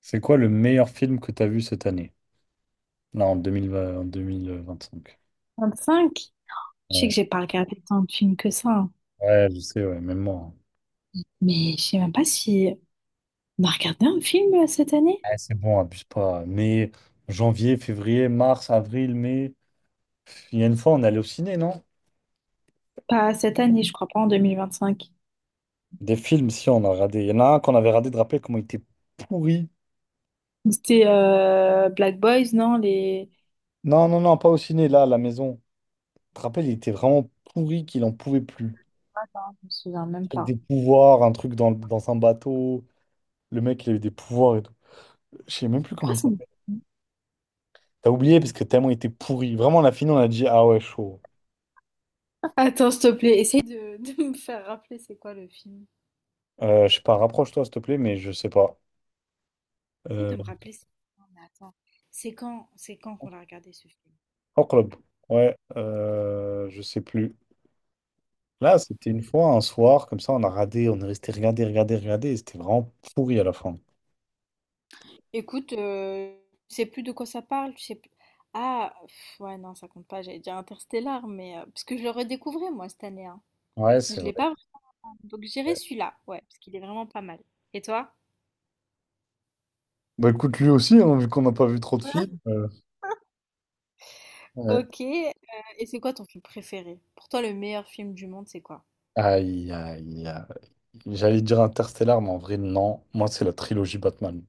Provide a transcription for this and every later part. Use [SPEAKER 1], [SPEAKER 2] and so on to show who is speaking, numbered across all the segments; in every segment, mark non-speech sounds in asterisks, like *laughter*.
[SPEAKER 1] C'est quoi le meilleur film que tu as vu cette année? Là, en 2020 en 2025.
[SPEAKER 2] 25? Tu sais
[SPEAKER 1] Ouais,
[SPEAKER 2] que j'ai pas regardé tant de films que ça, hein.
[SPEAKER 1] ouais, je sais, ouais, même moi, hein.
[SPEAKER 2] Mais je sais même pas si on a regardé un film cette année.
[SPEAKER 1] Ouais, c'est bon, abuse pas. Mais janvier, février, mars, avril, mai. Il y a une fois, on est allé au ciné, non?
[SPEAKER 2] Pas cette année, je crois pas en 2025.
[SPEAKER 1] Des films, si, on a radé. Il y en a un qu'on avait radé, de rappelles comment il était pourri.
[SPEAKER 2] C'était Black Boys, non? Les...
[SPEAKER 1] Non, non, non, pas au ciné, là, à la maison. Tu te rappelles, il était vraiment pourri qu'il en pouvait plus.
[SPEAKER 2] Attends, je me souviens même
[SPEAKER 1] Avec
[SPEAKER 2] pas.
[SPEAKER 1] des pouvoirs, un truc dans un bateau. Le mec, il a eu des pouvoirs et tout. Je sais même plus comment
[SPEAKER 2] Pourquoi
[SPEAKER 1] il...
[SPEAKER 2] ça me-
[SPEAKER 1] T'as oublié parce que tellement il était pourri. Vraiment, on a fini, on a dit, ah ouais, chaud.
[SPEAKER 2] Attends, s'il te plaît, essaye de, *laughs* de me faire rappeler c'est quoi le film.
[SPEAKER 1] Je sais pas, rapproche-toi, s'il te plaît, mais je sais pas.
[SPEAKER 2] Essaye
[SPEAKER 1] Euh,
[SPEAKER 2] de me rappeler c'est... Non, mais attends, c'est quand qu'on l'a regardé ce film?
[SPEAKER 1] En club. Ouais, je sais plus. Là, c'était une fois, un soir, comme ça, on a radé, on est resté regarder, et c'était vraiment pourri à la fin.
[SPEAKER 2] Écoute, tu sais plus de quoi ça parle, tu sais plus. Ah, pff, ouais, non, ça compte pas, j'allais dire Interstellar, mais parce que je le redécouvrais, moi, cette année, hein.
[SPEAKER 1] Ouais, c'est
[SPEAKER 2] Je l'ai pas
[SPEAKER 1] vrai.
[SPEAKER 2] vraiment. Donc j'irai celui-là, ouais, parce qu'il est vraiment pas mal. Et toi?
[SPEAKER 1] Bah écoute, lui aussi, hein, vu qu'on n'a pas vu trop de films. Ouais.
[SPEAKER 2] Ok, et c'est quoi ton film préféré? Pour toi, le meilleur film du monde, c'est quoi?
[SPEAKER 1] Aïe, aïe, aïe. J'allais dire Interstellar, mais en vrai, non. Moi, c'est la trilogie Batman.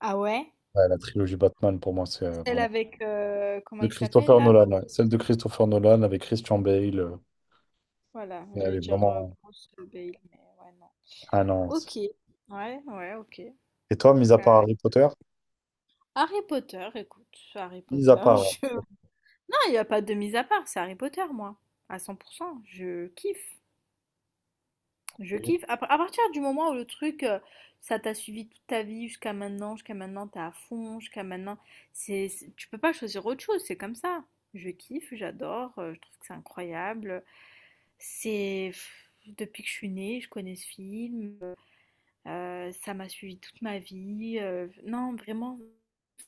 [SPEAKER 2] Ah ouais?
[SPEAKER 1] Ouais, la trilogie Batman, pour moi, c'est
[SPEAKER 2] Celle
[SPEAKER 1] vraiment...
[SPEAKER 2] avec... comment
[SPEAKER 1] De
[SPEAKER 2] il s'appelle
[SPEAKER 1] Christopher
[SPEAKER 2] là?
[SPEAKER 1] Nolan,
[SPEAKER 2] Bruce-
[SPEAKER 1] ouais. Celle de Christopher Nolan avec Christian Bale.
[SPEAKER 2] Voilà,
[SPEAKER 1] Elle
[SPEAKER 2] j'allais
[SPEAKER 1] est
[SPEAKER 2] dire
[SPEAKER 1] vraiment.
[SPEAKER 2] Bruce Bale, mais ouais, non.
[SPEAKER 1] Ah non,
[SPEAKER 2] Ok, ouais, ouais, ok.
[SPEAKER 1] Et toi, mis à part
[SPEAKER 2] Enfin,
[SPEAKER 1] Harry Potter?
[SPEAKER 2] Harry Potter, écoute, Harry
[SPEAKER 1] Mis à
[SPEAKER 2] Potter, *laughs*
[SPEAKER 1] part Harry
[SPEAKER 2] je... il n'y a pas de mise à part, c'est Harry Potter, moi. À 100%, je kiffe. Je
[SPEAKER 1] Potter.
[SPEAKER 2] kiffe. À partir du moment où le truc, ça t'a suivi toute ta vie jusqu'à maintenant, t'es à fond, jusqu'à maintenant, tu peux pas choisir autre chose, c'est comme ça. Je kiffe, j'adore, je trouve que c'est incroyable. C'est... pff, depuis que je suis née, je connais ce film, ça m'a suivi toute ma vie. Non, vraiment,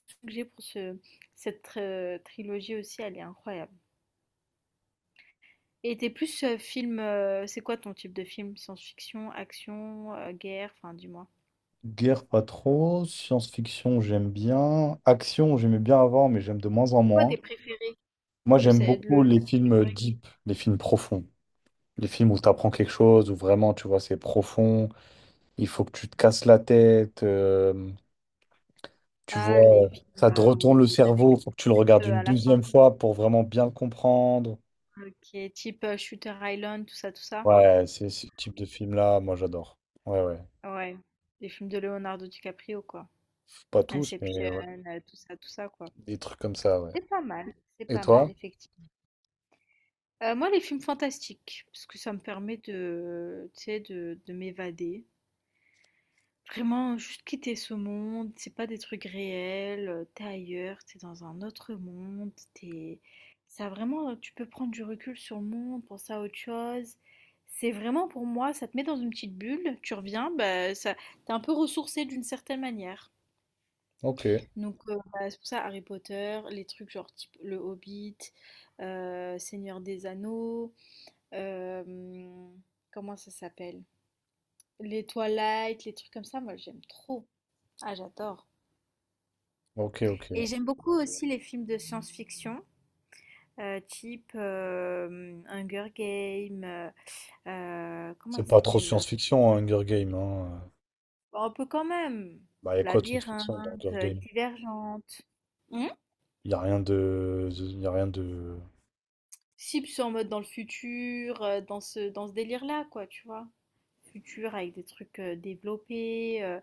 [SPEAKER 2] ce que j'ai pour ce, cette trilogie aussi, elle est incroyable. Et t'es plus film, c'est quoi ton type de film? Science-fiction, action, guerre, enfin dis-moi.
[SPEAKER 1] Guerre, pas trop. Science-fiction, j'aime bien. Action, j'aimais bien avant, mais j'aime de moins en
[SPEAKER 2] Quoi
[SPEAKER 1] moins.
[SPEAKER 2] tes préférés
[SPEAKER 1] Moi,
[SPEAKER 2] de
[SPEAKER 1] j'aime
[SPEAKER 2] cette de
[SPEAKER 1] beaucoup les
[SPEAKER 2] la
[SPEAKER 1] films
[SPEAKER 2] catégorie?
[SPEAKER 1] deep, les films profonds. Les films où tu apprends quelque chose, où vraiment, tu vois, c'est profond. Il faut que tu te casses la tête. Tu
[SPEAKER 2] Ah, les
[SPEAKER 1] vois,
[SPEAKER 2] films
[SPEAKER 1] ça te
[SPEAKER 2] bah,
[SPEAKER 1] retourne
[SPEAKER 2] où-
[SPEAKER 1] le
[SPEAKER 2] avec
[SPEAKER 1] cerveau. Il faut que tu le regardes
[SPEAKER 2] eux
[SPEAKER 1] une
[SPEAKER 2] à la fin,
[SPEAKER 1] deuxième fois pour vraiment bien le comprendre.
[SPEAKER 2] qui est type Shooter Island, tout ça, tout ça.
[SPEAKER 1] Ouais, c'est ce type de film-là, moi, j'adore. Ouais, ouais.
[SPEAKER 2] Ouais, les films de Leonardo DiCaprio, quoi.
[SPEAKER 1] Pas tous,
[SPEAKER 2] Inception,
[SPEAKER 1] mais ouais.
[SPEAKER 2] tout ça, quoi.
[SPEAKER 1] Des trucs comme ça, ouais.
[SPEAKER 2] C'est pas mal, c'est
[SPEAKER 1] Et
[SPEAKER 2] pas mal,
[SPEAKER 1] toi?
[SPEAKER 2] effectivement. Moi, les films fantastiques, parce que ça me permet de, tu sais, de m'évader. Vraiment, juste quitter ce monde, c'est pas des trucs réels, t'es ailleurs, t'es dans un autre monde, t'es... Ça vraiment, tu peux prendre du recul sur le monde, penser à autre chose. C'est vraiment pour moi, ça te met dans une petite bulle, tu reviens, bah, ça, t'es un peu ressourcé d'une certaine manière.
[SPEAKER 1] Ok,
[SPEAKER 2] Donc bah, c'est pour ça Harry Potter, les trucs genre type Le Hobbit, Seigneur des Anneaux, euh, comment ça s'appelle? Les Twilight, les trucs comme ça, moi j'aime trop. Ah, j'adore.
[SPEAKER 1] ok,
[SPEAKER 2] Et
[SPEAKER 1] ok.
[SPEAKER 2] j'aime beaucoup aussi les films de science-fiction, type Hunger Games, comment il
[SPEAKER 1] C'est pas trop
[SPEAKER 2] s'appelle l'autre?
[SPEAKER 1] science-fiction, hein, Hunger Games. Hein.
[SPEAKER 2] Bon, un peu quand même.
[SPEAKER 1] Bah, y a quoi de science-fiction dans
[SPEAKER 2] Labyrinthe,
[SPEAKER 1] Hunger Games?
[SPEAKER 2] Divergente. Hmm.
[SPEAKER 1] Y a rien de, de- y a rien de,
[SPEAKER 2] Si, puis c'est en mode dans le futur, dans ce délire-là, quoi, tu vois. Futur avec des trucs développés.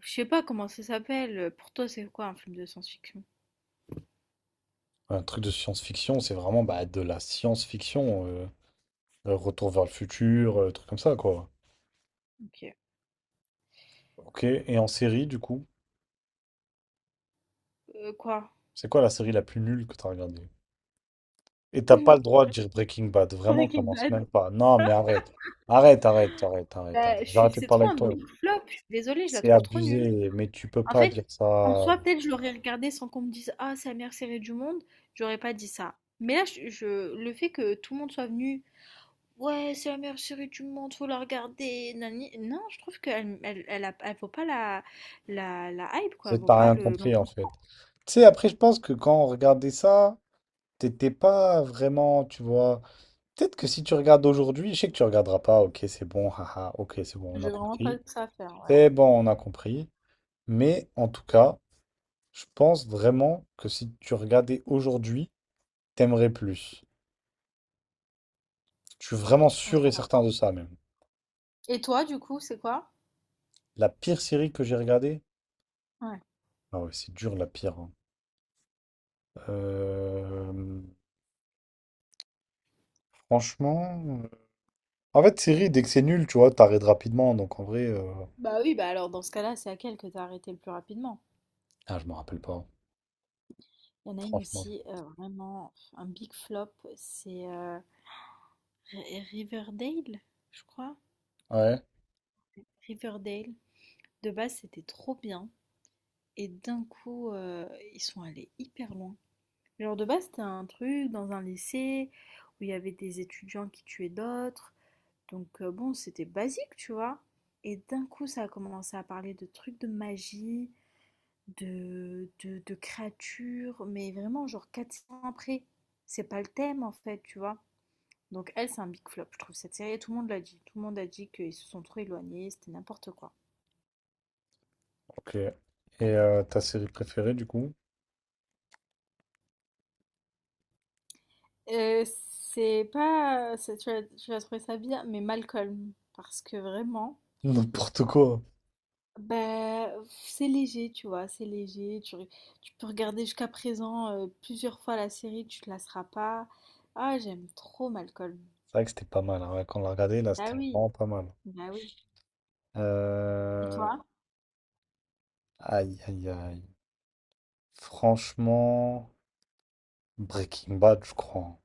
[SPEAKER 2] Je sais pas comment ça s'appelle. Pour toi, c'est quoi un film de science-fiction?
[SPEAKER 1] Un truc de science-fiction. C'est vraiment bah, de la science-fiction. Retour vers le futur, truc comme ça, quoi.
[SPEAKER 2] Ok.
[SPEAKER 1] Ok. Et en série, du coup,
[SPEAKER 2] Quoi?
[SPEAKER 1] c'est quoi la série la plus nulle que t'as regardée? Et t'as pas le
[SPEAKER 2] *laughs*
[SPEAKER 1] droit de dire Breaking Bad. Vraiment,
[SPEAKER 2] Breaking
[SPEAKER 1] commence
[SPEAKER 2] Bad.
[SPEAKER 1] même pas. Non, mais arrête.
[SPEAKER 2] Bah, je
[SPEAKER 1] J'ai
[SPEAKER 2] suis,
[SPEAKER 1] arrêté de
[SPEAKER 2] c'est
[SPEAKER 1] parler
[SPEAKER 2] trop un
[SPEAKER 1] avec toi.
[SPEAKER 2] big flop. Je suis désolée, je la
[SPEAKER 1] C'est
[SPEAKER 2] trouve trop nulle.
[SPEAKER 1] abusé, mais tu peux
[SPEAKER 2] En
[SPEAKER 1] pas dire
[SPEAKER 2] fait, en
[SPEAKER 1] ça.
[SPEAKER 2] soi, peut-être je l'aurais regardé sans qu'on me dise: Ah, c'est la meilleure série du monde, j'aurais pas dit ça. Mais là, le fait que tout le monde soit venu: Ouais, c'est la meilleure série du monde, faut la regarder. Nani- Non, je trouve qu'elle vaut pas la, la hype, quoi.
[SPEAKER 1] C'est
[SPEAKER 2] Elle
[SPEAKER 1] que
[SPEAKER 2] vaut
[SPEAKER 1] t'as
[SPEAKER 2] pas
[SPEAKER 1] rien
[SPEAKER 2] le.
[SPEAKER 1] compris en
[SPEAKER 2] L'engouement.
[SPEAKER 1] fait. Tu sais, après, je pense que quand on regardait ça, t'étais pas vraiment, tu vois. Peut-être que si tu regardes aujourd'hui, je sais que tu regarderas pas, ok, c'est bon, haha, ok, c'est bon, on
[SPEAKER 2] J'ai
[SPEAKER 1] a
[SPEAKER 2] vraiment pas
[SPEAKER 1] compris.
[SPEAKER 2] que ça à faire, ouais.
[SPEAKER 1] C'est bon, on a compris. Mais en tout cas, je pense vraiment que si tu regardais aujourd'hui, t'aimerais plus. Je suis vraiment
[SPEAKER 2] Je pense
[SPEAKER 1] sûr et
[SPEAKER 2] pas.
[SPEAKER 1] certain de ça même.
[SPEAKER 2] Et toi, du coup, c'est quoi?
[SPEAKER 1] La pire série que j'ai regardée,
[SPEAKER 2] Ouais.
[SPEAKER 1] ah ouais, c'est dur la pire, hein. Euh, Franchement. En fait, série, dès que c'est nul, tu vois, t'arrêtes rapidement. Donc en vrai.
[SPEAKER 2] Bah oui, bah alors dans ce cas-là, c'est laquelle que t'as arrêté le plus rapidement?
[SPEAKER 1] Ah, je me rappelle pas.
[SPEAKER 2] Il y en a une
[SPEAKER 1] Franchement.
[SPEAKER 2] aussi, vraiment, un big flop, c'est Riverdale, je crois.
[SPEAKER 1] Ouais,
[SPEAKER 2] Riverdale, de base, c'était trop bien et d'un coup, ils sont allés hyper loin. Genre de base, c'était un truc dans un lycée où il y avait des étudiants qui tuaient d'autres. Donc bon, c'était basique, tu vois? Et d'un coup, ça a commencé à parler de trucs de magie, de créatures, mais vraiment genre 400 ans après. C'est pas le thème en fait, tu vois? Donc elle, c'est un big flop, je trouve cette série tout le monde l'a dit. Tout le monde a dit qu'ils se sont trop éloignés, c'était n'importe quoi.
[SPEAKER 1] ok. Et ta série préférée, du coup?
[SPEAKER 2] C'est pas... Tu vas trouver ça bien, mais Malcolm. Parce que vraiment,
[SPEAKER 1] N'importe quoi.
[SPEAKER 2] bah, c'est léger, tu vois, c'est léger. Tu peux regarder jusqu'à présent plusieurs fois la série, tu te lasseras pas. Ah, j'aime trop Malcolm.
[SPEAKER 1] C'est vrai que c'était pas mal, hein. Ouais, quand on l'a regardé, là,
[SPEAKER 2] Bah
[SPEAKER 1] c'était
[SPEAKER 2] oui,
[SPEAKER 1] vraiment pas mal.
[SPEAKER 2] bah oui. Et
[SPEAKER 1] Euh,
[SPEAKER 2] toi?
[SPEAKER 1] Aïe, aïe, aïe. Franchement, Breaking Bad, je crois, hein.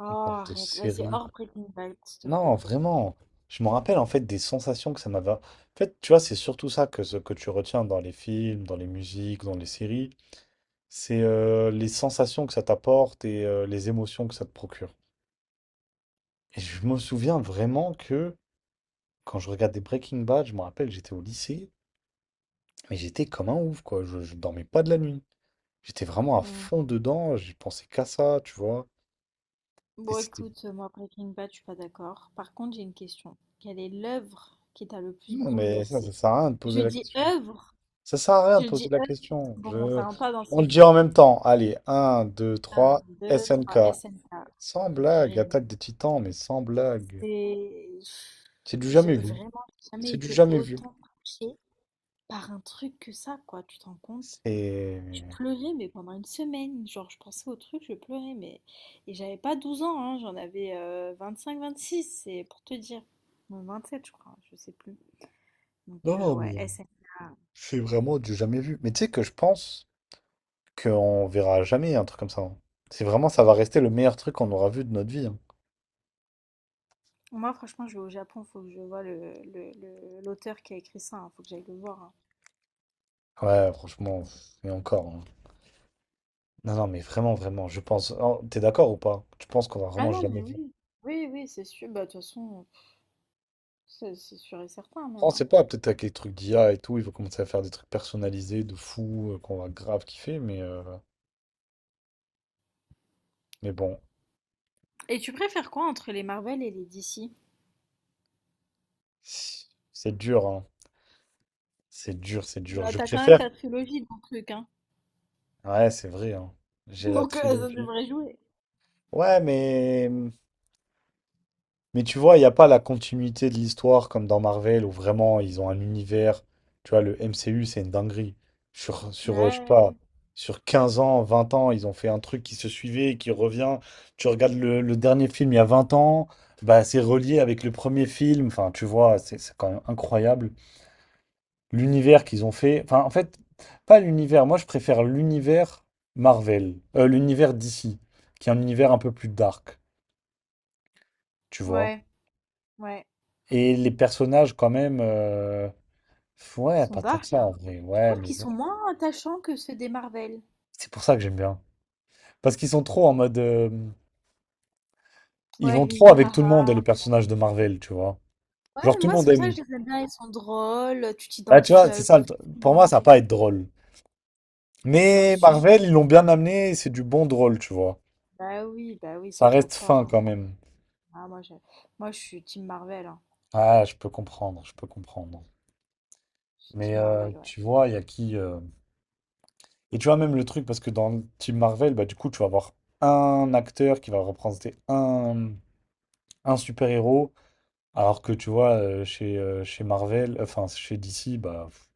[SPEAKER 2] Oh,
[SPEAKER 1] En termes de
[SPEAKER 2] arrête, vas-y,
[SPEAKER 1] série.
[SPEAKER 2] hors Breaking Bad, s'il te
[SPEAKER 1] Non,
[SPEAKER 2] plaît.
[SPEAKER 1] vraiment. Je me rappelle, en fait, des sensations que ça m'avait... En fait, tu vois, c'est surtout ça que, ce que tu retiens dans les films, dans les musiques, dans les séries. C'est les sensations que ça t'apporte et les émotions que ça te procure. Et je me souviens vraiment que quand je regardais Breaking Bad, je me rappelle, j'étais au lycée, mais j'étais comme un ouf, quoi. Je dormais pas de la nuit. J'étais vraiment à
[SPEAKER 2] Mm.
[SPEAKER 1] fond dedans, j'y pensais qu'à ça, tu vois. Et
[SPEAKER 2] Bon,
[SPEAKER 1] c'était.
[SPEAKER 2] écoute, moi, Breaking Bad, je suis pas d'accord. Par contre, j'ai une question. Quelle est l'œuvre qui t'a le plus
[SPEAKER 1] Non, mais ça
[SPEAKER 2] bouleversé?
[SPEAKER 1] sert à rien de
[SPEAKER 2] Je
[SPEAKER 1] poser la
[SPEAKER 2] dis
[SPEAKER 1] question.
[SPEAKER 2] œuvre.
[SPEAKER 1] Ça sert à rien de
[SPEAKER 2] Je dis
[SPEAKER 1] poser la
[SPEAKER 2] «eux»,
[SPEAKER 1] question.
[SPEAKER 2] bon,
[SPEAKER 1] Je...
[SPEAKER 2] ça rentre pas dans
[SPEAKER 1] On le
[SPEAKER 2] série.
[SPEAKER 1] dit en même temps. Allez, 1, 2,
[SPEAKER 2] Un,
[SPEAKER 1] 3,
[SPEAKER 2] deux,
[SPEAKER 1] SNK.
[SPEAKER 2] trois, SNK.
[SPEAKER 1] Sans blague,
[SPEAKER 2] Vraiment,
[SPEAKER 1] Attaque des Titans, mais sans blague.
[SPEAKER 2] c'est
[SPEAKER 1] C'est du
[SPEAKER 2] j'ai
[SPEAKER 1] jamais vu.
[SPEAKER 2] vraiment jamais
[SPEAKER 1] C'est du
[SPEAKER 2] été
[SPEAKER 1] jamais vu.
[SPEAKER 2] autant touchée par un truc que ça, quoi, tu te rends compte? Je
[SPEAKER 1] C'est.
[SPEAKER 2] pleurais, mais pendant une semaine. Genre, je pensais au truc, je pleurais, mais... Et j'avais pas 12 ans, hein, j'en avais 26, c'est pour te dire. Non, sept, je crois, je sais plus. Donc,
[SPEAKER 1] Non, non,
[SPEAKER 2] ouais,
[SPEAKER 1] mais
[SPEAKER 2] SNK.
[SPEAKER 1] c'est vraiment du jamais vu. Mais tu sais que je pense qu'on verra jamais, un truc comme ça, hein. C'est vraiment, ça va rester le meilleur truc qu'on aura vu de notre vie, hein.
[SPEAKER 2] Moi, franchement, je vais au Japon, faut que je vois l'auteur qui a écrit ça, hein, faut que j'aille le voir, hein.
[SPEAKER 1] Ouais, franchement, pff, mais encore, hein. Non, non, mais vraiment, vraiment, je pense. Oh, t'es d'accord ou pas? Tu penses qu'on va
[SPEAKER 2] Ah
[SPEAKER 1] vraiment
[SPEAKER 2] non,
[SPEAKER 1] jamais
[SPEAKER 2] mais
[SPEAKER 1] voir?
[SPEAKER 2] oui, oui, oui, c'est sûr. Bah, de toute façon, c'est sûr et certain même,
[SPEAKER 1] On
[SPEAKER 2] hein.
[SPEAKER 1] sait pas, peut-être avec les trucs d'IA et tout, ils vont commencer à faire des trucs personnalisés de fou, qu'on va grave kiffer, mais bon,
[SPEAKER 2] Et tu préfères quoi entre les Marvel et les DC?
[SPEAKER 1] c'est dur, hein. C'est dur, c'est dur.
[SPEAKER 2] Bah,
[SPEAKER 1] Je
[SPEAKER 2] t'as quand même
[SPEAKER 1] préfère.
[SPEAKER 2] ta trilogie de trucs, hein.
[SPEAKER 1] Ouais, c'est vrai, hein.
[SPEAKER 2] *laughs*
[SPEAKER 1] J'ai la
[SPEAKER 2] Donc, ça
[SPEAKER 1] trilogie.
[SPEAKER 2] devrait jouer.
[SPEAKER 1] Ouais, mais. Mais tu vois, il n'y a pas la continuité de l'histoire comme dans Marvel où vraiment ils ont un univers. Tu vois, le MCU, c'est une dinguerie. Je sais pas,
[SPEAKER 2] Ouais,
[SPEAKER 1] sur 15 ans, 20 ans, ils ont fait un truc qui se suivait et qui revient. Tu regardes le dernier film il y a 20 ans, bah c'est relié avec le premier film. Enfin, tu vois, c'est quand même incroyable. L'univers qu'ils ont fait. Enfin, en fait, pas l'univers. Moi, je préfère l'univers Marvel. L'univers DC, qui est un univers un peu plus dark, tu vois.
[SPEAKER 2] ouais, ouais.
[SPEAKER 1] Et les personnages, quand même,
[SPEAKER 2] Ils
[SPEAKER 1] ouais,
[SPEAKER 2] sont
[SPEAKER 1] pas tant que
[SPEAKER 2] dark,
[SPEAKER 1] ça
[SPEAKER 2] hein.
[SPEAKER 1] en vrai.
[SPEAKER 2] Je
[SPEAKER 1] Ouais,
[SPEAKER 2] trouve
[SPEAKER 1] mais
[SPEAKER 2] qu'ils
[SPEAKER 1] bon,
[SPEAKER 2] sont moins attachants que ceux des Marvel.
[SPEAKER 1] c'est pour ça que j'aime bien. Parce qu'ils sont trop en mode. Ils
[SPEAKER 2] Ouais, *laughs*
[SPEAKER 1] vont trop
[SPEAKER 2] hi, ha,
[SPEAKER 1] avec tout le monde,
[SPEAKER 2] ha.
[SPEAKER 1] les personnages de Marvel, tu vois.
[SPEAKER 2] Ouais,
[SPEAKER 1] Genre, tout le
[SPEAKER 2] moi, c'est
[SPEAKER 1] monde
[SPEAKER 2] pour ça que
[SPEAKER 1] aime.
[SPEAKER 2] je les aime bien. Ils sont drôles, tu
[SPEAKER 1] Bah, tu
[SPEAKER 2] t'identifies
[SPEAKER 1] vois,
[SPEAKER 2] à
[SPEAKER 1] c'est
[SPEAKER 2] eux
[SPEAKER 1] ça,
[SPEAKER 2] plus
[SPEAKER 1] pour moi,
[SPEAKER 2] facilement.
[SPEAKER 1] ça va pas être drôle.
[SPEAKER 2] Bah,
[SPEAKER 1] Mais
[SPEAKER 2] si.
[SPEAKER 1] Marvel, ils l'ont bien amené, c'est du bon drôle, tu vois.
[SPEAKER 2] Bah oui, ils sont
[SPEAKER 1] Ça
[SPEAKER 2] trop
[SPEAKER 1] reste
[SPEAKER 2] forts,
[SPEAKER 1] fin
[SPEAKER 2] hein.
[SPEAKER 1] quand même.
[SPEAKER 2] Ah, moi, je suis Team Marvel, hein.
[SPEAKER 1] Ah, je peux comprendre, je peux comprendre.
[SPEAKER 2] Je suis
[SPEAKER 1] Mais
[SPEAKER 2] Team Marvel, ouais.
[SPEAKER 1] tu vois, il y a qui. Et tu vois, même le truc, parce que dans le Team Marvel, bah, du coup, tu vas avoir un acteur qui va représenter un. Un super-héros, alors que tu vois, chez Marvel, enfin chez DC, bah, pff,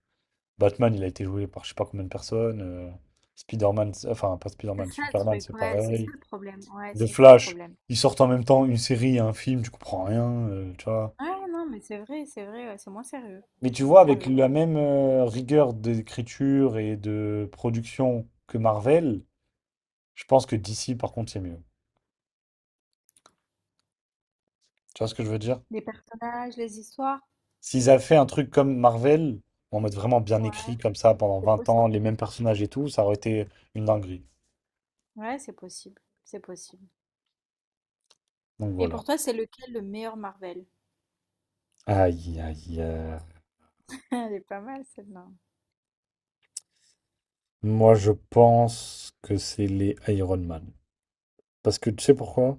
[SPEAKER 1] Batman, il a été joué par je sais pas combien de personnes, Spider-Man, enfin pas
[SPEAKER 2] C'est
[SPEAKER 1] Spider-Man,
[SPEAKER 2] ça le
[SPEAKER 1] Superman,
[SPEAKER 2] truc,
[SPEAKER 1] c'est
[SPEAKER 2] ouais, c'est ça
[SPEAKER 1] pareil,
[SPEAKER 2] le problème, ouais,
[SPEAKER 1] The
[SPEAKER 2] c'est ça le
[SPEAKER 1] Flash,
[SPEAKER 2] problème.
[SPEAKER 1] ils sortent en même temps une série, et un film, tu comprends rien, tu vois.
[SPEAKER 2] Ouais, non, mais c'est vrai, ouais, c'est moins sérieux,
[SPEAKER 1] Mais
[SPEAKER 2] c'est
[SPEAKER 1] tu
[SPEAKER 2] moins
[SPEAKER 1] vois, avec
[SPEAKER 2] sérieux.
[SPEAKER 1] la même rigueur d'écriture et de production que Marvel, je pense que DC, par contre, c'est mieux. Tu vois ce que je veux dire?
[SPEAKER 2] Les personnages, les histoires,
[SPEAKER 1] S'ils avaient fait un truc comme Marvel, en mode vraiment bien
[SPEAKER 2] ouais,
[SPEAKER 1] écrit, comme ça, pendant
[SPEAKER 2] c'est
[SPEAKER 1] 20
[SPEAKER 2] possible.
[SPEAKER 1] ans, les mêmes personnages et tout, ça aurait été une dinguerie.
[SPEAKER 2] Ouais, c'est possible, c'est possible.
[SPEAKER 1] Donc
[SPEAKER 2] Et pour
[SPEAKER 1] voilà.
[SPEAKER 2] toi, c'est lequel le meilleur Marvel?
[SPEAKER 1] Aïe, aïe, aïe.
[SPEAKER 2] *laughs* Elle est pas mal celle-là.
[SPEAKER 1] Moi, je pense que c'est les Iron Man. Parce que tu sais pourquoi?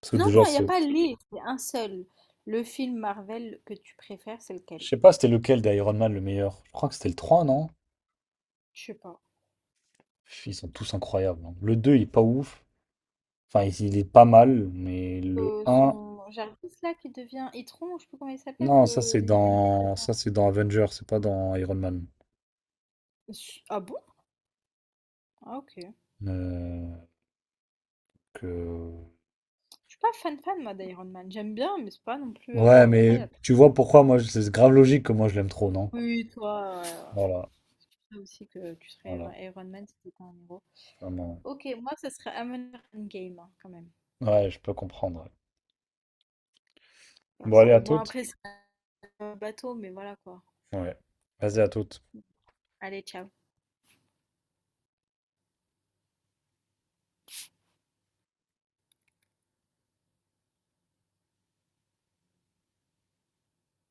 [SPEAKER 1] Parce que
[SPEAKER 2] Non,
[SPEAKER 1] déjà,
[SPEAKER 2] non, il n'y a
[SPEAKER 1] c'est.
[SPEAKER 2] pas les, c'est un seul. Le film Marvel que tu préfères, c'est
[SPEAKER 1] Je
[SPEAKER 2] lequel?
[SPEAKER 1] sais pas, c'était lequel d'Iron Man le meilleur? Je crois que c'était le 3, non?
[SPEAKER 2] Je sais pas.
[SPEAKER 1] Pff, ils sont tous incroyables, hein. Le 2, il est pas ouf. Enfin, il est pas mal, mais le un,
[SPEAKER 2] Son Jarvis là qui devient Itron, je sais pas comment il s'appelle,
[SPEAKER 1] non, ça,
[SPEAKER 2] le
[SPEAKER 1] c'est dans.
[SPEAKER 2] l'IA.
[SPEAKER 1] Ça, c'est dans Avengers, c'est pas dans Iron Man.
[SPEAKER 2] Ah bon? Ah ok.
[SPEAKER 1] Euh, que
[SPEAKER 2] Je suis pas fan fan moi d'Iron Man. J'aime bien, mais c'est pas non plus
[SPEAKER 1] Ouais, mais
[SPEAKER 2] incroyable.
[SPEAKER 1] tu vois pourquoi moi, c'est grave logique que moi je l'aime trop, non?
[SPEAKER 2] Oui, toi,
[SPEAKER 1] Voilà,
[SPEAKER 2] je sais aussi que tu serais
[SPEAKER 1] voilà,
[SPEAKER 2] Iron Man si t'étais un héros.
[SPEAKER 1] vraiment.
[SPEAKER 2] Ok, moi ce serait Avengers Endgame, hein, quand même.
[SPEAKER 1] Ouais, je peux comprendre. Bon,
[SPEAKER 2] Parce
[SPEAKER 1] allez,
[SPEAKER 2] que
[SPEAKER 1] à
[SPEAKER 2] bon
[SPEAKER 1] toutes.
[SPEAKER 2] après c'est un bateau, mais voilà quoi.
[SPEAKER 1] Ouais. Vas-y, à toutes.
[SPEAKER 2] Allez, ciao.